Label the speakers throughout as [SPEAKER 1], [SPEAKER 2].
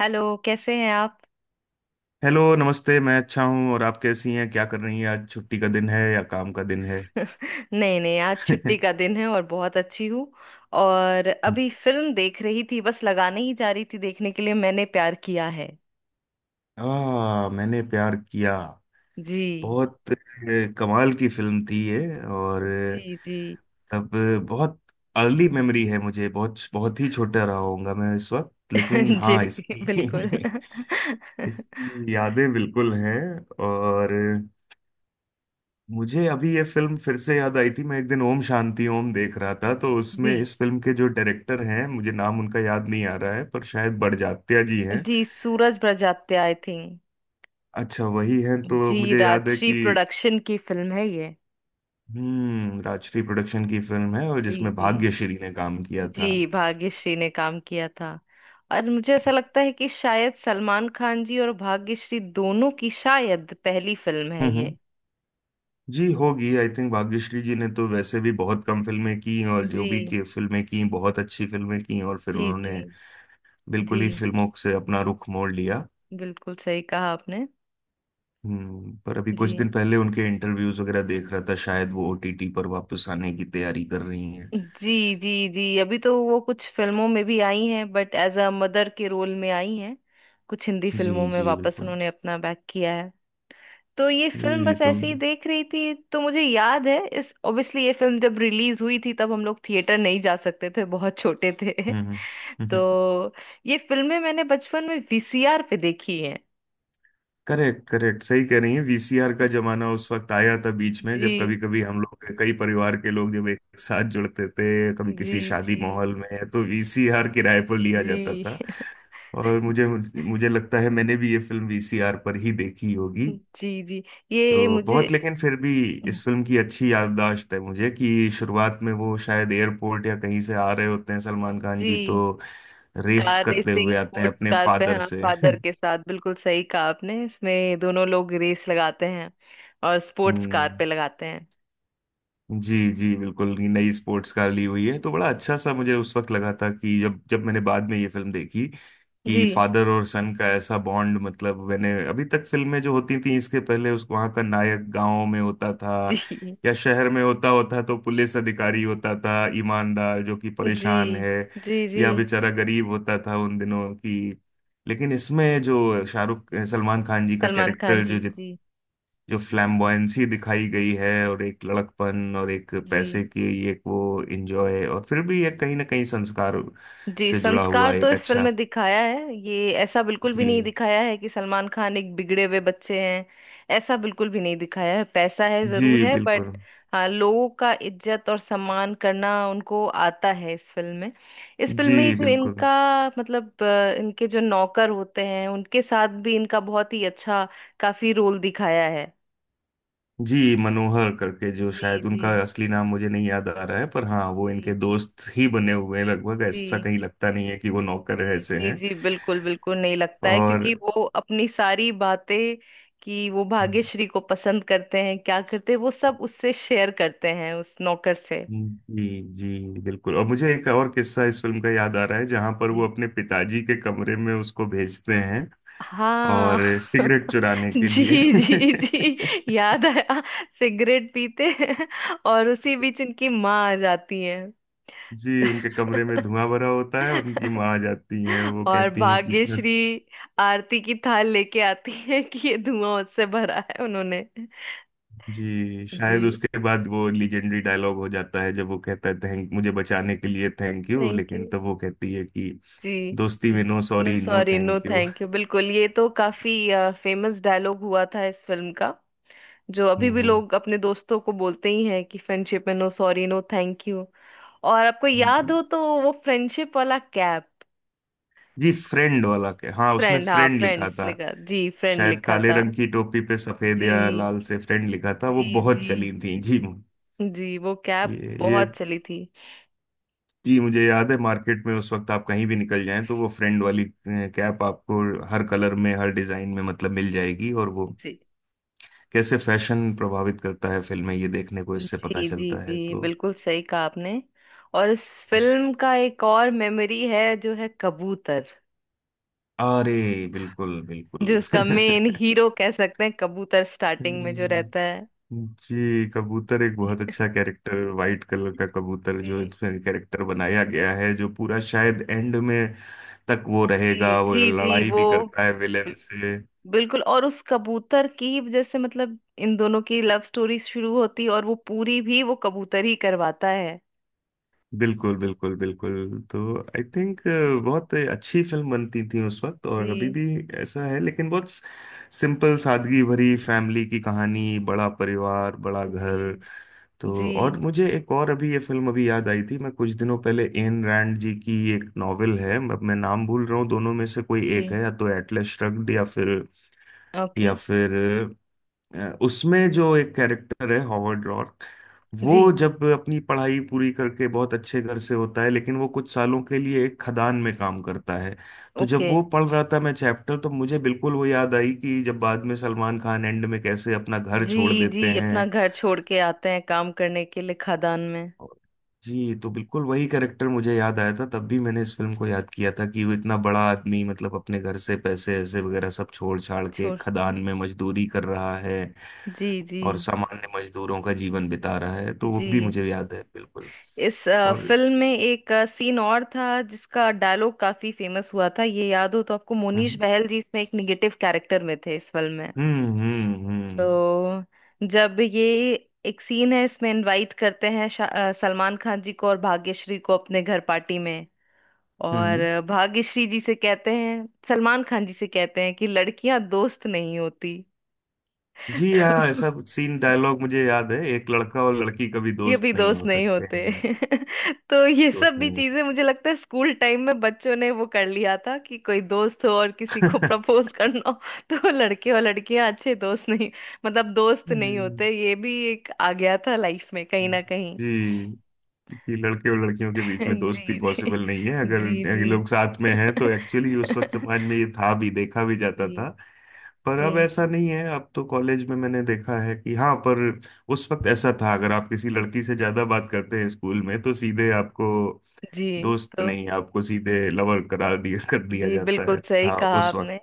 [SPEAKER 1] Hello, कैसे हैं आप?
[SPEAKER 2] हेलो नमस्ते। मैं अच्छा हूँ। और आप कैसी हैं, क्या कर रही हैं? आज छुट्टी का दिन है या काम का दिन है?
[SPEAKER 1] नहीं नहीं, आज छुट्टी का दिन है और बहुत अच्छी हूँ। और अभी फिल्म देख रही थी, बस लगाने ही जा रही थी देखने के लिए, मैंने प्यार किया है।
[SPEAKER 2] आ, मैंने प्यार किया।
[SPEAKER 1] जी।
[SPEAKER 2] बहुत कमाल की फिल्म थी ये। और
[SPEAKER 1] जी जी।
[SPEAKER 2] बहुत अर्ली मेमोरी है मुझे। बहुत बहुत ही छोटा रहा होऊंगा मैं इस वक्त, लेकिन
[SPEAKER 1] जी,
[SPEAKER 2] हाँ
[SPEAKER 1] बिल्कुल।
[SPEAKER 2] इसकी इसकी यादें बिल्कुल हैं। और मुझे अभी ये फिल्म फिर से याद आई थी। मैं एक दिन ओम शांति ओम देख रहा था, तो उसमें
[SPEAKER 1] जी
[SPEAKER 2] इस फिल्म के जो डायरेक्टर हैं, मुझे नाम उनका याद नहीं आ रहा है, पर शायद बड़जात्या जी हैं।
[SPEAKER 1] जी, सूरज बड़जात्या आई थिंक।
[SPEAKER 2] अच्छा, वही हैं। तो
[SPEAKER 1] जी,
[SPEAKER 2] मुझे याद है
[SPEAKER 1] राजश्री
[SPEAKER 2] कि
[SPEAKER 1] प्रोडक्शन की फिल्म है ये।
[SPEAKER 2] राजश्री प्रोडक्शन की फिल्म है, और
[SPEAKER 1] जी
[SPEAKER 2] जिसमें
[SPEAKER 1] जी,
[SPEAKER 2] भाग्यश्री ने काम किया था।
[SPEAKER 1] जी भाग्यश्री ने काम किया था। और मुझे ऐसा लगता है कि शायद सलमान खान जी और भाग्यश्री दोनों की शायद पहली फिल्म है
[SPEAKER 2] हम्म हम्म।
[SPEAKER 1] ये।
[SPEAKER 2] जी, होगी आई थिंक। भाग्यश्री जी ने तो वैसे भी बहुत कम फिल्में की, और जो
[SPEAKER 1] जी।
[SPEAKER 2] भी की फिल्में की, बहुत अच्छी फिल्में की, और फिर
[SPEAKER 1] जी। जी
[SPEAKER 2] उन्होंने
[SPEAKER 1] जी,
[SPEAKER 2] बिल्कुल ही फिल्मों से अपना रुख मोड़ लिया।
[SPEAKER 1] बिल्कुल सही कहा आपने।
[SPEAKER 2] पर अभी कुछ
[SPEAKER 1] जी
[SPEAKER 2] दिन पहले उनके इंटरव्यूज वगैरह देख रहा था, शायद वो ओटीटी पर वापस आने की तैयारी कर रही हैं।
[SPEAKER 1] जी जी। जी अभी तो वो कुछ फिल्मों में भी आई हैं, बट एज अ मदर के रोल में आई हैं। कुछ हिंदी फिल्मों
[SPEAKER 2] जी
[SPEAKER 1] में
[SPEAKER 2] जी
[SPEAKER 1] वापस
[SPEAKER 2] बिल्कुल।
[SPEAKER 1] उन्होंने अपना बैक किया है। तो ये फिल्म
[SPEAKER 2] ये
[SPEAKER 1] बस
[SPEAKER 2] तुम।
[SPEAKER 1] ऐसे ही देख रही थी। तो मुझे याद है इस, ऑब्वियसली ये फिल्म जब रिलीज हुई थी तब हम लोग थिएटर नहीं जा सकते थे, बहुत छोटे थे।
[SPEAKER 2] हम्म हम्म।
[SPEAKER 1] तो ये फिल्में मैंने बचपन में वीसीआर पे देखी हैं।
[SPEAKER 2] करेक्ट करेक्ट, सही कह रही है। वीसीआर का जमाना उस वक्त आया था बीच में, जब कभी
[SPEAKER 1] जी
[SPEAKER 2] कभी हम लोग, कई परिवार के लोग जब एक साथ जुड़ते थे, कभी
[SPEAKER 1] जी।
[SPEAKER 2] किसी शादी
[SPEAKER 1] जी
[SPEAKER 2] माहौल में, तो वीसीआर किराए पर लिया जाता
[SPEAKER 1] जी।
[SPEAKER 2] था। और मुझे मुझे लगता है मैंने भी ये फिल्म वीसीआर पर ही देखी होगी।
[SPEAKER 1] जी जी। ये
[SPEAKER 2] तो
[SPEAKER 1] मुझे।
[SPEAKER 2] बहुत, लेकिन फिर भी इस फिल्म की अच्छी याददाश्त है मुझे कि शुरुआत में वो शायद एयरपोर्ट या कहीं से आ रहे होते हैं, सलमान खान जी,
[SPEAKER 1] जी
[SPEAKER 2] तो रेस
[SPEAKER 1] कार
[SPEAKER 2] करते
[SPEAKER 1] रेसिंग
[SPEAKER 2] हुए आते हैं
[SPEAKER 1] स्पोर्ट्स
[SPEAKER 2] अपने
[SPEAKER 1] कार पे,
[SPEAKER 2] फादर
[SPEAKER 1] हाँ,
[SPEAKER 2] से।
[SPEAKER 1] फादर के साथ, बिल्कुल सही कहा आपने, इसमें दोनों लोग रेस लगाते हैं। और स्पोर्ट्स कार
[SPEAKER 2] हम्म।
[SPEAKER 1] पे लगाते हैं।
[SPEAKER 2] जी जी बिल्कुल, ये नई स्पोर्ट्स कार ली हुई है। तो बड़ा अच्छा सा मुझे उस वक्त लगा था कि जब जब मैंने बाद में ये फिल्म देखी
[SPEAKER 1] जी।
[SPEAKER 2] कि फादर और सन का ऐसा बॉन्ड, मतलब मैंने अभी तक फिल्में जो होती थी इसके पहले, उस वहाँ का नायक गांव में होता था,
[SPEAKER 1] जी
[SPEAKER 2] या शहर में होता होता तो पुलिस अधिकारी होता था ईमानदार जो कि
[SPEAKER 1] जी
[SPEAKER 2] परेशान है,
[SPEAKER 1] जी। जी
[SPEAKER 2] या बेचारा गरीब होता था उन दिनों की। लेकिन इसमें जो शाहरुख सलमान खान जी का
[SPEAKER 1] सलमान खान
[SPEAKER 2] कैरेक्टर, जो
[SPEAKER 1] जी। जी
[SPEAKER 2] जितना जो फ्लैम्बॉयंसी दिखाई गई है, और एक लड़कपन और एक
[SPEAKER 1] जी।
[SPEAKER 2] पैसे की ये वो इंजॉय, और फिर भी ये कहीं ना कहीं संस्कार
[SPEAKER 1] जी
[SPEAKER 2] से जुड़ा हुआ
[SPEAKER 1] संस्कार तो
[SPEAKER 2] एक
[SPEAKER 1] इस फिल्म
[SPEAKER 2] अच्छा।
[SPEAKER 1] में दिखाया है। ये ऐसा बिल्कुल भी नहीं
[SPEAKER 2] जी
[SPEAKER 1] दिखाया है कि सलमान खान एक बिगड़े हुए बच्चे हैं। ऐसा बिल्कुल भी नहीं दिखाया है। पैसा है, जरूर
[SPEAKER 2] जी
[SPEAKER 1] है, बट
[SPEAKER 2] बिल्कुल।
[SPEAKER 1] हाँ, लोगों का इज्जत और सम्मान करना उनको आता है इस फिल्म में। इस फिल्म
[SPEAKER 2] जी
[SPEAKER 1] में ही जो
[SPEAKER 2] बिल्कुल।
[SPEAKER 1] इनका मतलब इनके जो नौकर होते हैं उनके साथ भी इनका बहुत ही अच्छा काफी रोल दिखाया है।
[SPEAKER 2] जी, मनोहर करके, जो
[SPEAKER 1] जी
[SPEAKER 2] शायद उनका
[SPEAKER 1] जी
[SPEAKER 2] असली नाम मुझे नहीं याद आ रहा है, पर हाँ वो
[SPEAKER 1] जी।
[SPEAKER 2] इनके दोस्त ही बने हुए हैं लगभग, ऐसा
[SPEAKER 1] जी।
[SPEAKER 2] कहीं लगता नहीं है कि वो नौकर
[SPEAKER 1] जी
[SPEAKER 2] ऐसे
[SPEAKER 1] जी
[SPEAKER 2] हैं।
[SPEAKER 1] जी, बिल्कुल बिल्कुल नहीं लगता है
[SPEAKER 2] और
[SPEAKER 1] क्योंकि वो अपनी सारी बातें कि वो भाग्यश्री को पसंद करते हैं, क्या करते हैं, वो सब उससे शेयर करते हैं उस नौकर से।
[SPEAKER 2] जी जी बिल्कुल। और मुझे एक और किस्सा इस फिल्म का याद आ रहा है, जहाँ पर वो
[SPEAKER 1] जी।
[SPEAKER 2] अपने पिताजी के कमरे में उसको भेजते हैं,
[SPEAKER 1] हाँ।
[SPEAKER 2] और सिगरेट चुराने
[SPEAKER 1] जी।
[SPEAKER 2] के लिए।
[SPEAKER 1] जी जी, याद आया। सिगरेट पीते हैं। और उसी बीच उनकी माँ आ जाती है।
[SPEAKER 2] जी, उनके कमरे में धुआं भरा होता है और उनकी माँ आ जाती हैं, वो
[SPEAKER 1] और
[SPEAKER 2] कहती हैं कि इतना।
[SPEAKER 1] भाग्यश्री आरती की थाल लेके आती है कि ये धुआं उससे भरा है उन्होंने।
[SPEAKER 2] जी,
[SPEAKER 1] जी।
[SPEAKER 2] शायद उसके बाद वो लीजेंडरी डायलॉग हो जाता है, जब वो कहता है थैंक, मुझे बचाने के लिए थैंक यू,
[SPEAKER 1] थैंक यू।
[SPEAKER 2] लेकिन तब वो कहती है कि
[SPEAKER 1] जी।
[SPEAKER 2] दोस्ती में no
[SPEAKER 1] no
[SPEAKER 2] sorry no
[SPEAKER 1] sorry no
[SPEAKER 2] thank you.
[SPEAKER 1] Thank you. बिल्कुल, ये तो काफी फेमस डायलॉग हुआ था इस फिल्म का। जो अभी
[SPEAKER 2] हम्म
[SPEAKER 1] भी
[SPEAKER 2] हम्म,
[SPEAKER 1] लोग अपने दोस्तों को बोलते ही हैं कि फ्रेंडशिप में no sorry no thank you. और आपको याद
[SPEAKER 2] जी
[SPEAKER 1] हो तो वो फ्रेंडशिप वाला कैप।
[SPEAKER 2] जी। फ्रेंड वाला के, हाँ उसमें
[SPEAKER 1] फ्रेंड, हाँ,
[SPEAKER 2] फ्रेंड लिखा
[SPEAKER 1] फ्रेंड्स
[SPEAKER 2] था।
[SPEAKER 1] लिखा, जी फ्रेंड
[SPEAKER 2] शायद
[SPEAKER 1] लिखा
[SPEAKER 2] काले
[SPEAKER 1] था।
[SPEAKER 2] रंग की टोपी पे सफेद
[SPEAKER 1] जी
[SPEAKER 2] या लाल से फ्रेंड लिखा था। वो
[SPEAKER 1] जी
[SPEAKER 2] बहुत
[SPEAKER 1] जी।
[SPEAKER 2] चली थी जी।
[SPEAKER 1] जी वो
[SPEAKER 2] ये
[SPEAKER 1] कैप
[SPEAKER 2] ये
[SPEAKER 1] बहुत चली थी।
[SPEAKER 2] जी, मुझे याद है मार्केट में उस वक्त आप कहीं भी निकल जाएं, तो वो फ्रेंड वाली कैप आपको हर कलर में, हर डिजाइन में मतलब मिल जाएगी। और वो
[SPEAKER 1] जी
[SPEAKER 2] कैसे फैशन प्रभावित करता है फिल्में, ये देखने को इससे पता
[SPEAKER 1] जी। जी
[SPEAKER 2] चलता है।
[SPEAKER 1] जी,
[SPEAKER 2] तो
[SPEAKER 1] बिल्कुल सही कहा आपने। और इस
[SPEAKER 2] जी।
[SPEAKER 1] फिल्म का एक और मेमोरी है, जो है कबूतर।
[SPEAKER 2] अरे, बिल्कुल
[SPEAKER 1] जो
[SPEAKER 2] बिल्कुल।
[SPEAKER 1] उसका मेन हीरो कह सकते हैं, कबूतर स्टार्टिंग में जो
[SPEAKER 2] हम्म,
[SPEAKER 1] रहता है।
[SPEAKER 2] जी। कबूतर एक बहुत अच्छा कैरेक्टर, वाइट कलर का कबूतर जो
[SPEAKER 1] जी
[SPEAKER 2] इसमें कैरेक्टर बनाया गया है, जो पूरा शायद एंड में तक वो
[SPEAKER 1] जी
[SPEAKER 2] रहेगा। वो
[SPEAKER 1] जी। जी
[SPEAKER 2] लड़ाई
[SPEAKER 1] वो
[SPEAKER 2] भी करता है विलेन
[SPEAKER 1] बिल-
[SPEAKER 2] से।
[SPEAKER 1] बिल्कुल। और उस कबूतर की ही वजह से मतलब इन दोनों की लव स्टोरी शुरू होती, और वो पूरी भी वो कबूतर ही करवाता है।
[SPEAKER 2] बिल्कुल बिल्कुल बिल्कुल। तो आई थिंक बहुत अच्छी फिल्म बनती थी उस वक्त, और अभी
[SPEAKER 1] जी।
[SPEAKER 2] भी ऐसा है, लेकिन बहुत सिंपल सादगी भरी फैमिली की कहानी, बड़ा परिवार, बड़ा
[SPEAKER 1] जी
[SPEAKER 2] घर। तो
[SPEAKER 1] जी।
[SPEAKER 2] और मुझे एक और अभी ये फिल्म अभी याद आई थी, मैं कुछ दिनों पहले एन रैंड जी की एक नॉवेल है, अब मैं नाम भूल रहा हूँ, दोनों में से कोई
[SPEAKER 1] जी
[SPEAKER 2] एक है, या तो एटलस श्रग्ड या फिर,
[SPEAKER 1] ओके।
[SPEAKER 2] या फिर उसमें जो एक कैरेक्टर है हॉवर्ड रॉक, वो
[SPEAKER 1] जी
[SPEAKER 2] जब अपनी पढ़ाई पूरी करके बहुत अच्छे घर से होता है, लेकिन वो कुछ सालों के लिए एक खदान में काम करता है। तो जब
[SPEAKER 1] ओके।
[SPEAKER 2] वो पढ़ रहा था मैं चैप्टर, तो मुझे बिल्कुल वो याद आई, कि जब बाद में सलमान खान एंड में कैसे अपना घर छोड़
[SPEAKER 1] जी
[SPEAKER 2] देते
[SPEAKER 1] जी अपना
[SPEAKER 2] हैं।
[SPEAKER 1] घर छोड़ के आते हैं काम करने के लिए खदान में।
[SPEAKER 2] और- जी, तो बिल्कुल वही कैरेक्टर मुझे याद आया था। तब भी मैंने इस फिल्म को याद किया था कि वो इतना बड़ा आदमी, मतलब अपने घर से पैसे ऐसे वगैरह सब छोड़ छाड़ के
[SPEAKER 1] छोड़।
[SPEAKER 2] खदान में मजदूरी कर रहा है,
[SPEAKER 1] जी जी।
[SPEAKER 2] और सामान्य मजदूरों का जीवन बिता रहा है, तो वो भी
[SPEAKER 1] जी
[SPEAKER 2] मुझे याद है बिल्कुल।
[SPEAKER 1] इस
[SPEAKER 2] और
[SPEAKER 1] फिल्म में एक सीन और था जिसका डायलॉग काफी फेमस हुआ था, ये याद हो तो आपको, मोनीश
[SPEAKER 2] हम्म
[SPEAKER 1] बहल जी इसमें एक निगेटिव कैरेक्टर में थे इस फिल्म में।
[SPEAKER 2] हम्म हम्म हम्म
[SPEAKER 1] तो जब ये एक सीन है इसमें, इनवाइट करते हैं सलमान खान जी को और भाग्यश्री को अपने घर पार्टी में। और
[SPEAKER 2] हम्म।
[SPEAKER 1] भाग्यश्री जी से कहते हैं, सलमान खान जी से कहते हैं कि लड़कियां दोस्त नहीं होती।
[SPEAKER 2] जी
[SPEAKER 1] तो
[SPEAKER 2] हाँ, ऐसा सीन डायलॉग मुझे याद है, एक लड़का और लड़की कभी
[SPEAKER 1] ये
[SPEAKER 2] दोस्त
[SPEAKER 1] भी
[SPEAKER 2] नहीं
[SPEAKER 1] दोस्त
[SPEAKER 2] हो
[SPEAKER 1] नहीं
[SPEAKER 2] सकते
[SPEAKER 1] होते।
[SPEAKER 2] हैं,
[SPEAKER 1] तो ये सब
[SPEAKER 2] दोस्त
[SPEAKER 1] भी
[SPEAKER 2] नहीं हो
[SPEAKER 1] चीजें मुझे लगता है स्कूल टाइम में बच्चों ने वो कर लिया था कि कोई दोस्त हो और किसी को
[SPEAKER 2] सकते।
[SPEAKER 1] प्रपोज करना हो। तो लड़के और लड़कियां अच्छे दोस्त नहीं, मतलब दोस्त नहीं होते, ये भी एक आ गया था लाइफ में कहीं ना कहीं।
[SPEAKER 2] जी, कि लड़के और लड़कियों के बीच में दोस्ती
[SPEAKER 1] जी जी।
[SPEAKER 2] पॉसिबल नहीं है,
[SPEAKER 1] जी
[SPEAKER 2] अगर ये
[SPEAKER 1] जी।
[SPEAKER 2] लोग साथ में हैं, तो एक्चुअली उस वक्त समाज में ये था, भी देखा भी
[SPEAKER 1] जी।
[SPEAKER 2] जाता था। पर
[SPEAKER 1] जी
[SPEAKER 2] अब ऐसा नहीं है, अब तो कॉलेज में मैंने देखा है कि हाँ, पर उस वक्त ऐसा था, अगर आप किसी
[SPEAKER 1] जी
[SPEAKER 2] लड़की से ज्यादा बात करते हैं स्कूल में तो सीधे आपको
[SPEAKER 1] जी।
[SPEAKER 2] दोस्त
[SPEAKER 1] तो
[SPEAKER 2] नहीं, आपको सीधे लवर करार दिया, कर दिया
[SPEAKER 1] जी,
[SPEAKER 2] जाता
[SPEAKER 1] बिल्कुल
[SPEAKER 2] है
[SPEAKER 1] सही
[SPEAKER 2] था
[SPEAKER 1] कहा
[SPEAKER 2] उस वक्त।
[SPEAKER 1] आपने।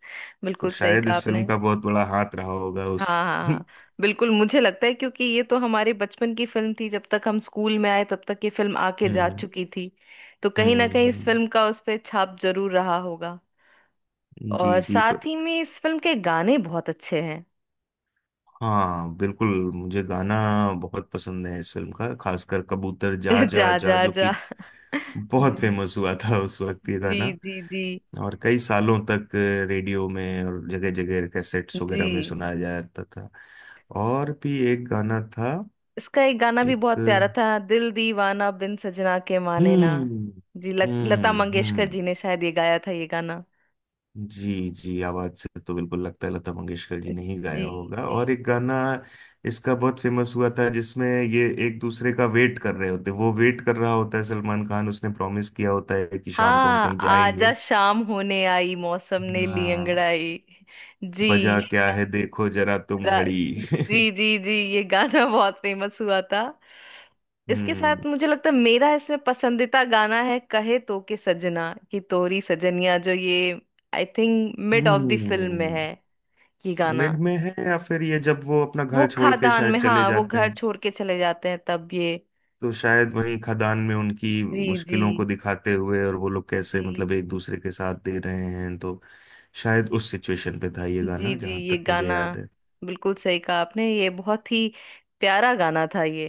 [SPEAKER 2] तो
[SPEAKER 1] बिल्कुल सही
[SPEAKER 2] शायद
[SPEAKER 1] कहा
[SPEAKER 2] इस
[SPEAKER 1] आपने।
[SPEAKER 2] फिल्म का बहुत बड़ा हाथ रहा होगा
[SPEAKER 1] हाँ
[SPEAKER 2] उस
[SPEAKER 1] हाँ
[SPEAKER 2] हम्म
[SPEAKER 1] हाँ। बिल्कुल, मुझे लगता है क्योंकि ये तो हमारे बचपन की फिल्म थी, जब तक हम स्कूल में आए तब तक ये फिल्म आके जा
[SPEAKER 2] हम्म
[SPEAKER 1] चुकी थी। तो कहीं ना
[SPEAKER 2] हम्म,
[SPEAKER 1] कहीं इस
[SPEAKER 2] हम्म।
[SPEAKER 1] फिल्म का उस पे छाप जरूर रहा होगा। और
[SPEAKER 2] जी जी,
[SPEAKER 1] साथ
[SPEAKER 2] पर
[SPEAKER 1] ही में इस फिल्म के गाने बहुत अच्छे हैं।
[SPEAKER 2] हाँ बिल्कुल, मुझे गाना बहुत पसंद है इस फिल्म का, खासकर कबूतर जा जा
[SPEAKER 1] जा
[SPEAKER 2] जा,
[SPEAKER 1] जा
[SPEAKER 2] जो कि
[SPEAKER 1] जा।
[SPEAKER 2] बहुत
[SPEAKER 1] जी
[SPEAKER 2] फेमस हुआ था उस वक्त, ये
[SPEAKER 1] जी
[SPEAKER 2] गाना,
[SPEAKER 1] जी। जी
[SPEAKER 2] और कई सालों तक रेडियो में और जगह जगह कैसेट्स वगैरह में
[SPEAKER 1] जी।
[SPEAKER 2] सुनाया जाता था। और भी एक गाना था,
[SPEAKER 1] इसका एक गाना भी
[SPEAKER 2] एक
[SPEAKER 1] बहुत प्यारा था, दिल दीवाना बिन सजना के माने ना।
[SPEAKER 2] हम्म
[SPEAKER 1] जी लता
[SPEAKER 2] हम्म
[SPEAKER 1] मंगेशकर
[SPEAKER 2] हम्म
[SPEAKER 1] जी ने शायद ये गाया था ये गाना।
[SPEAKER 2] जी जी, आवाज से तो बिल्कुल लगता है लता मंगेशकर जी ने ही गाया
[SPEAKER 1] जी।
[SPEAKER 2] होगा।
[SPEAKER 1] जी।
[SPEAKER 2] और एक गाना इसका बहुत फेमस हुआ था, जिसमें ये एक दूसरे का वेट कर रहे होते, वो वेट कर रहा होता है सलमान खान, उसने प्रॉमिस किया होता है कि शाम को हम
[SPEAKER 1] हाँ
[SPEAKER 2] कहीं
[SPEAKER 1] आजा
[SPEAKER 2] जाएंगे।
[SPEAKER 1] शाम होने आई मौसम ने ली
[SPEAKER 2] हाँ,
[SPEAKER 1] अंगड़ाई। जी
[SPEAKER 2] बजा
[SPEAKER 1] ये
[SPEAKER 2] क्या है देखो जरा तुम
[SPEAKER 1] गाना।
[SPEAKER 2] घड़ी।
[SPEAKER 1] जी जी जी ये गाना बहुत फेमस हुआ था। इसके
[SPEAKER 2] हम्म
[SPEAKER 1] साथ मुझे लगता है मेरा इसमें पसंदीदा गाना है, कहे तो के सजना कि तोरी सजनिया, जो ये I think mid of the film में है
[SPEAKER 2] हम्म
[SPEAKER 1] ये गाना।
[SPEAKER 2] मिड में है, या फिर ये जब वो अपना
[SPEAKER 1] वो
[SPEAKER 2] घर छोड़ के
[SPEAKER 1] खादान
[SPEAKER 2] शायद
[SPEAKER 1] में,
[SPEAKER 2] चले
[SPEAKER 1] हाँ, वो
[SPEAKER 2] जाते
[SPEAKER 1] घर
[SPEAKER 2] हैं,
[SPEAKER 1] छोड़ के चले जाते हैं तब ये।
[SPEAKER 2] तो शायद वही खदान में उनकी
[SPEAKER 1] जी जी।
[SPEAKER 2] मुश्किलों को दिखाते हुए, और वो लोग कैसे मतलब
[SPEAKER 1] जी
[SPEAKER 2] एक दूसरे के साथ दे रहे हैं, तो शायद उस सिचुएशन पे था ये
[SPEAKER 1] जी।
[SPEAKER 2] गाना,
[SPEAKER 1] जी
[SPEAKER 2] जहाँ
[SPEAKER 1] ये
[SPEAKER 2] तक मुझे
[SPEAKER 1] गाना,
[SPEAKER 2] याद है।
[SPEAKER 1] बिल्कुल सही कहा आपने, ये बहुत ही प्यारा गाना था ये।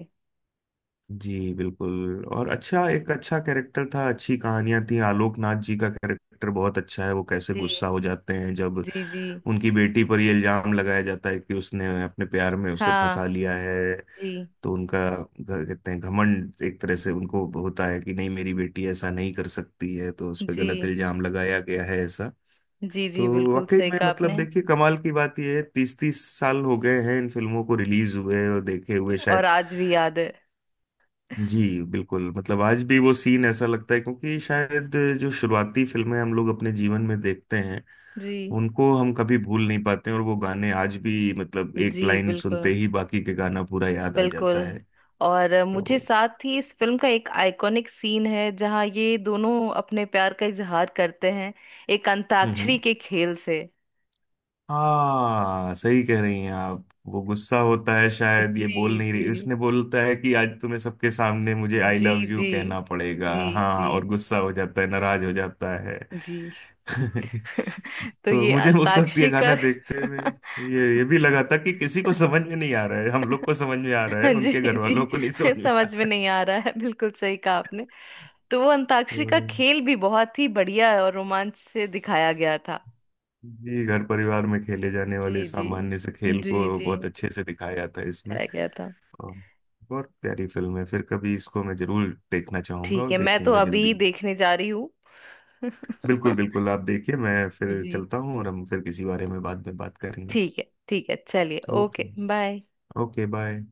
[SPEAKER 2] जी बिल्कुल। और अच्छा, एक अच्छा कैरेक्टर था, अच्छी कहानियां थी। आलोक नाथ जी का कैरेक्टर बहुत अच्छा है, वो कैसे गुस्सा
[SPEAKER 1] जी।
[SPEAKER 2] हो जाते हैं जब
[SPEAKER 1] जी। जी।
[SPEAKER 2] उनकी बेटी पर ये इल्जाम लगाया जाता है कि उसने अपने प्यार में उसे फंसा
[SPEAKER 1] हाँ।
[SPEAKER 2] लिया है।
[SPEAKER 1] जी
[SPEAKER 2] तो उनका कहते हैं घमंड एक तरह से उनको होता है कि नहीं, मेरी बेटी ऐसा नहीं कर सकती है, तो उस पर
[SPEAKER 1] जी।
[SPEAKER 2] गलत इल्जाम लगाया गया है ऐसा।
[SPEAKER 1] जी जी,
[SPEAKER 2] तो
[SPEAKER 1] बिल्कुल
[SPEAKER 2] वाकई
[SPEAKER 1] सही
[SPEAKER 2] में
[SPEAKER 1] कहा
[SPEAKER 2] मतलब
[SPEAKER 1] आपने।
[SPEAKER 2] देखिए, कमाल की बात यह है, 30 30 साल हो गए हैं इन फिल्मों को रिलीज हुए और देखे हुए
[SPEAKER 1] और
[SPEAKER 2] शायद।
[SPEAKER 1] आज भी याद है।
[SPEAKER 2] जी बिल्कुल, मतलब आज भी वो सीन ऐसा लगता है, क्योंकि शायद जो शुरुआती फिल्में हम लोग अपने जीवन में देखते हैं,
[SPEAKER 1] जी।
[SPEAKER 2] उनको हम कभी भूल नहीं पाते हैं, और वो गाने आज भी मतलब एक
[SPEAKER 1] जी,
[SPEAKER 2] लाइन सुनते
[SPEAKER 1] बिल्कुल
[SPEAKER 2] ही बाकी के गाना पूरा याद आ
[SPEAKER 1] बिल्कुल।
[SPEAKER 2] जाता है।
[SPEAKER 1] और मुझे
[SPEAKER 2] तो
[SPEAKER 1] साथ ही इस फिल्म का एक आइकॉनिक सीन है जहाँ ये दोनों अपने प्यार का इजहार करते हैं, एक अंताक्षरी
[SPEAKER 2] हम्म।
[SPEAKER 1] के खेल से।
[SPEAKER 2] हाँ, सही कह रही हैं आप, वो गुस्सा होता है, शायद ये बोल
[SPEAKER 1] जी
[SPEAKER 2] नहीं रही,
[SPEAKER 1] जी।
[SPEAKER 2] उसने बोलता है कि आज तुम्हें सबके सामने मुझे आई
[SPEAKER 1] जी।
[SPEAKER 2] लव यू
[SPEAKER 1] जी।
[SPEAKER 2] कहना पड़ेगा,
[SPEAKER 1] जी
[SPEAKER 2] हाँ,
[SPEAKER 1] जी।
[SPEAKER 2] और गुस्सा हो जाता है, नाराज हो जाता है।
[SPEAKER 1] जी। तो
[SPEAKER 2] तो
[SPEAKER 1] ये
[SPEAKER 2] मुझे उस वक्त ये
[SPEAKER 1] अंताक्षरी
[SPEAKER 2] गाना
[SPEAKER 1] का।
[SPEAKER 2] देखते हुए ये भी लगा था कि किसी को समझ में नहीं आ रहा है, हम लोग को समझ में आ रहा है,
[SPEAKER 1] जी
[SPEAKER 2] उनके घर वालों को नहीं
[SPEAKER 1] जी।
[SPEAKER 2] समझ में आ
[SPEAKER 1] समझ में
[SPEAKER 2] रहा है।
[SPEAKER 1] नहीं आ रहा है, बिल्कुल सही कहा आपने। तो वो
[SPEAKER 2] तो
[SPEAKER 1] अंताक्षरी का खेल भी बहुत ही बढ़िया और रोमांच से दिखाया गया था।
[SPEAKER 2] जी घर परिवार में खेले जाने वाले
[SPEAKER 1] जी जी।
[SPEAKER 2] सामान्य से खेल
[SPEAKER 1] जी
[SPEAKER 2] को
[SPEAKER 1] जी।
[SPEAKER 2] बहुत अच्छे से दिखाया था इसमें।
[SPEAKER 1] दिखाया गया था।
[SPEAKER 2] हाँ, बहुत प्यारी फिल्म है, फिर कभी इसको मैं जरूर देखना चाहूंगा,
[SPEAKER 1] ठीक
[SPEAKER 2] और
[SPEAKER 1] है, मैं तो
[SPEAKER 2] देखूंगा
[SPEAKER 1] अभी
[SPEAKER 2] जल्दी।
[SPEAKER 1] देखने जा रही हूँ।
[SPEAKER 2] बिल्कुल बिल्कुल, आप देखिए, मैं फिर
[SPEAKER 1] जी।
[SPEAKER 2] चलता हूँ, और हम फिर किसी बारे में बाद में बात करेंगे।
[SPEAKER 1] ठीक है ठीक है, चलिए,
[SPEAKER 2] okay.
[SPEAKER 1] Okay bye.
[SPEAKER 2] Okay, bye.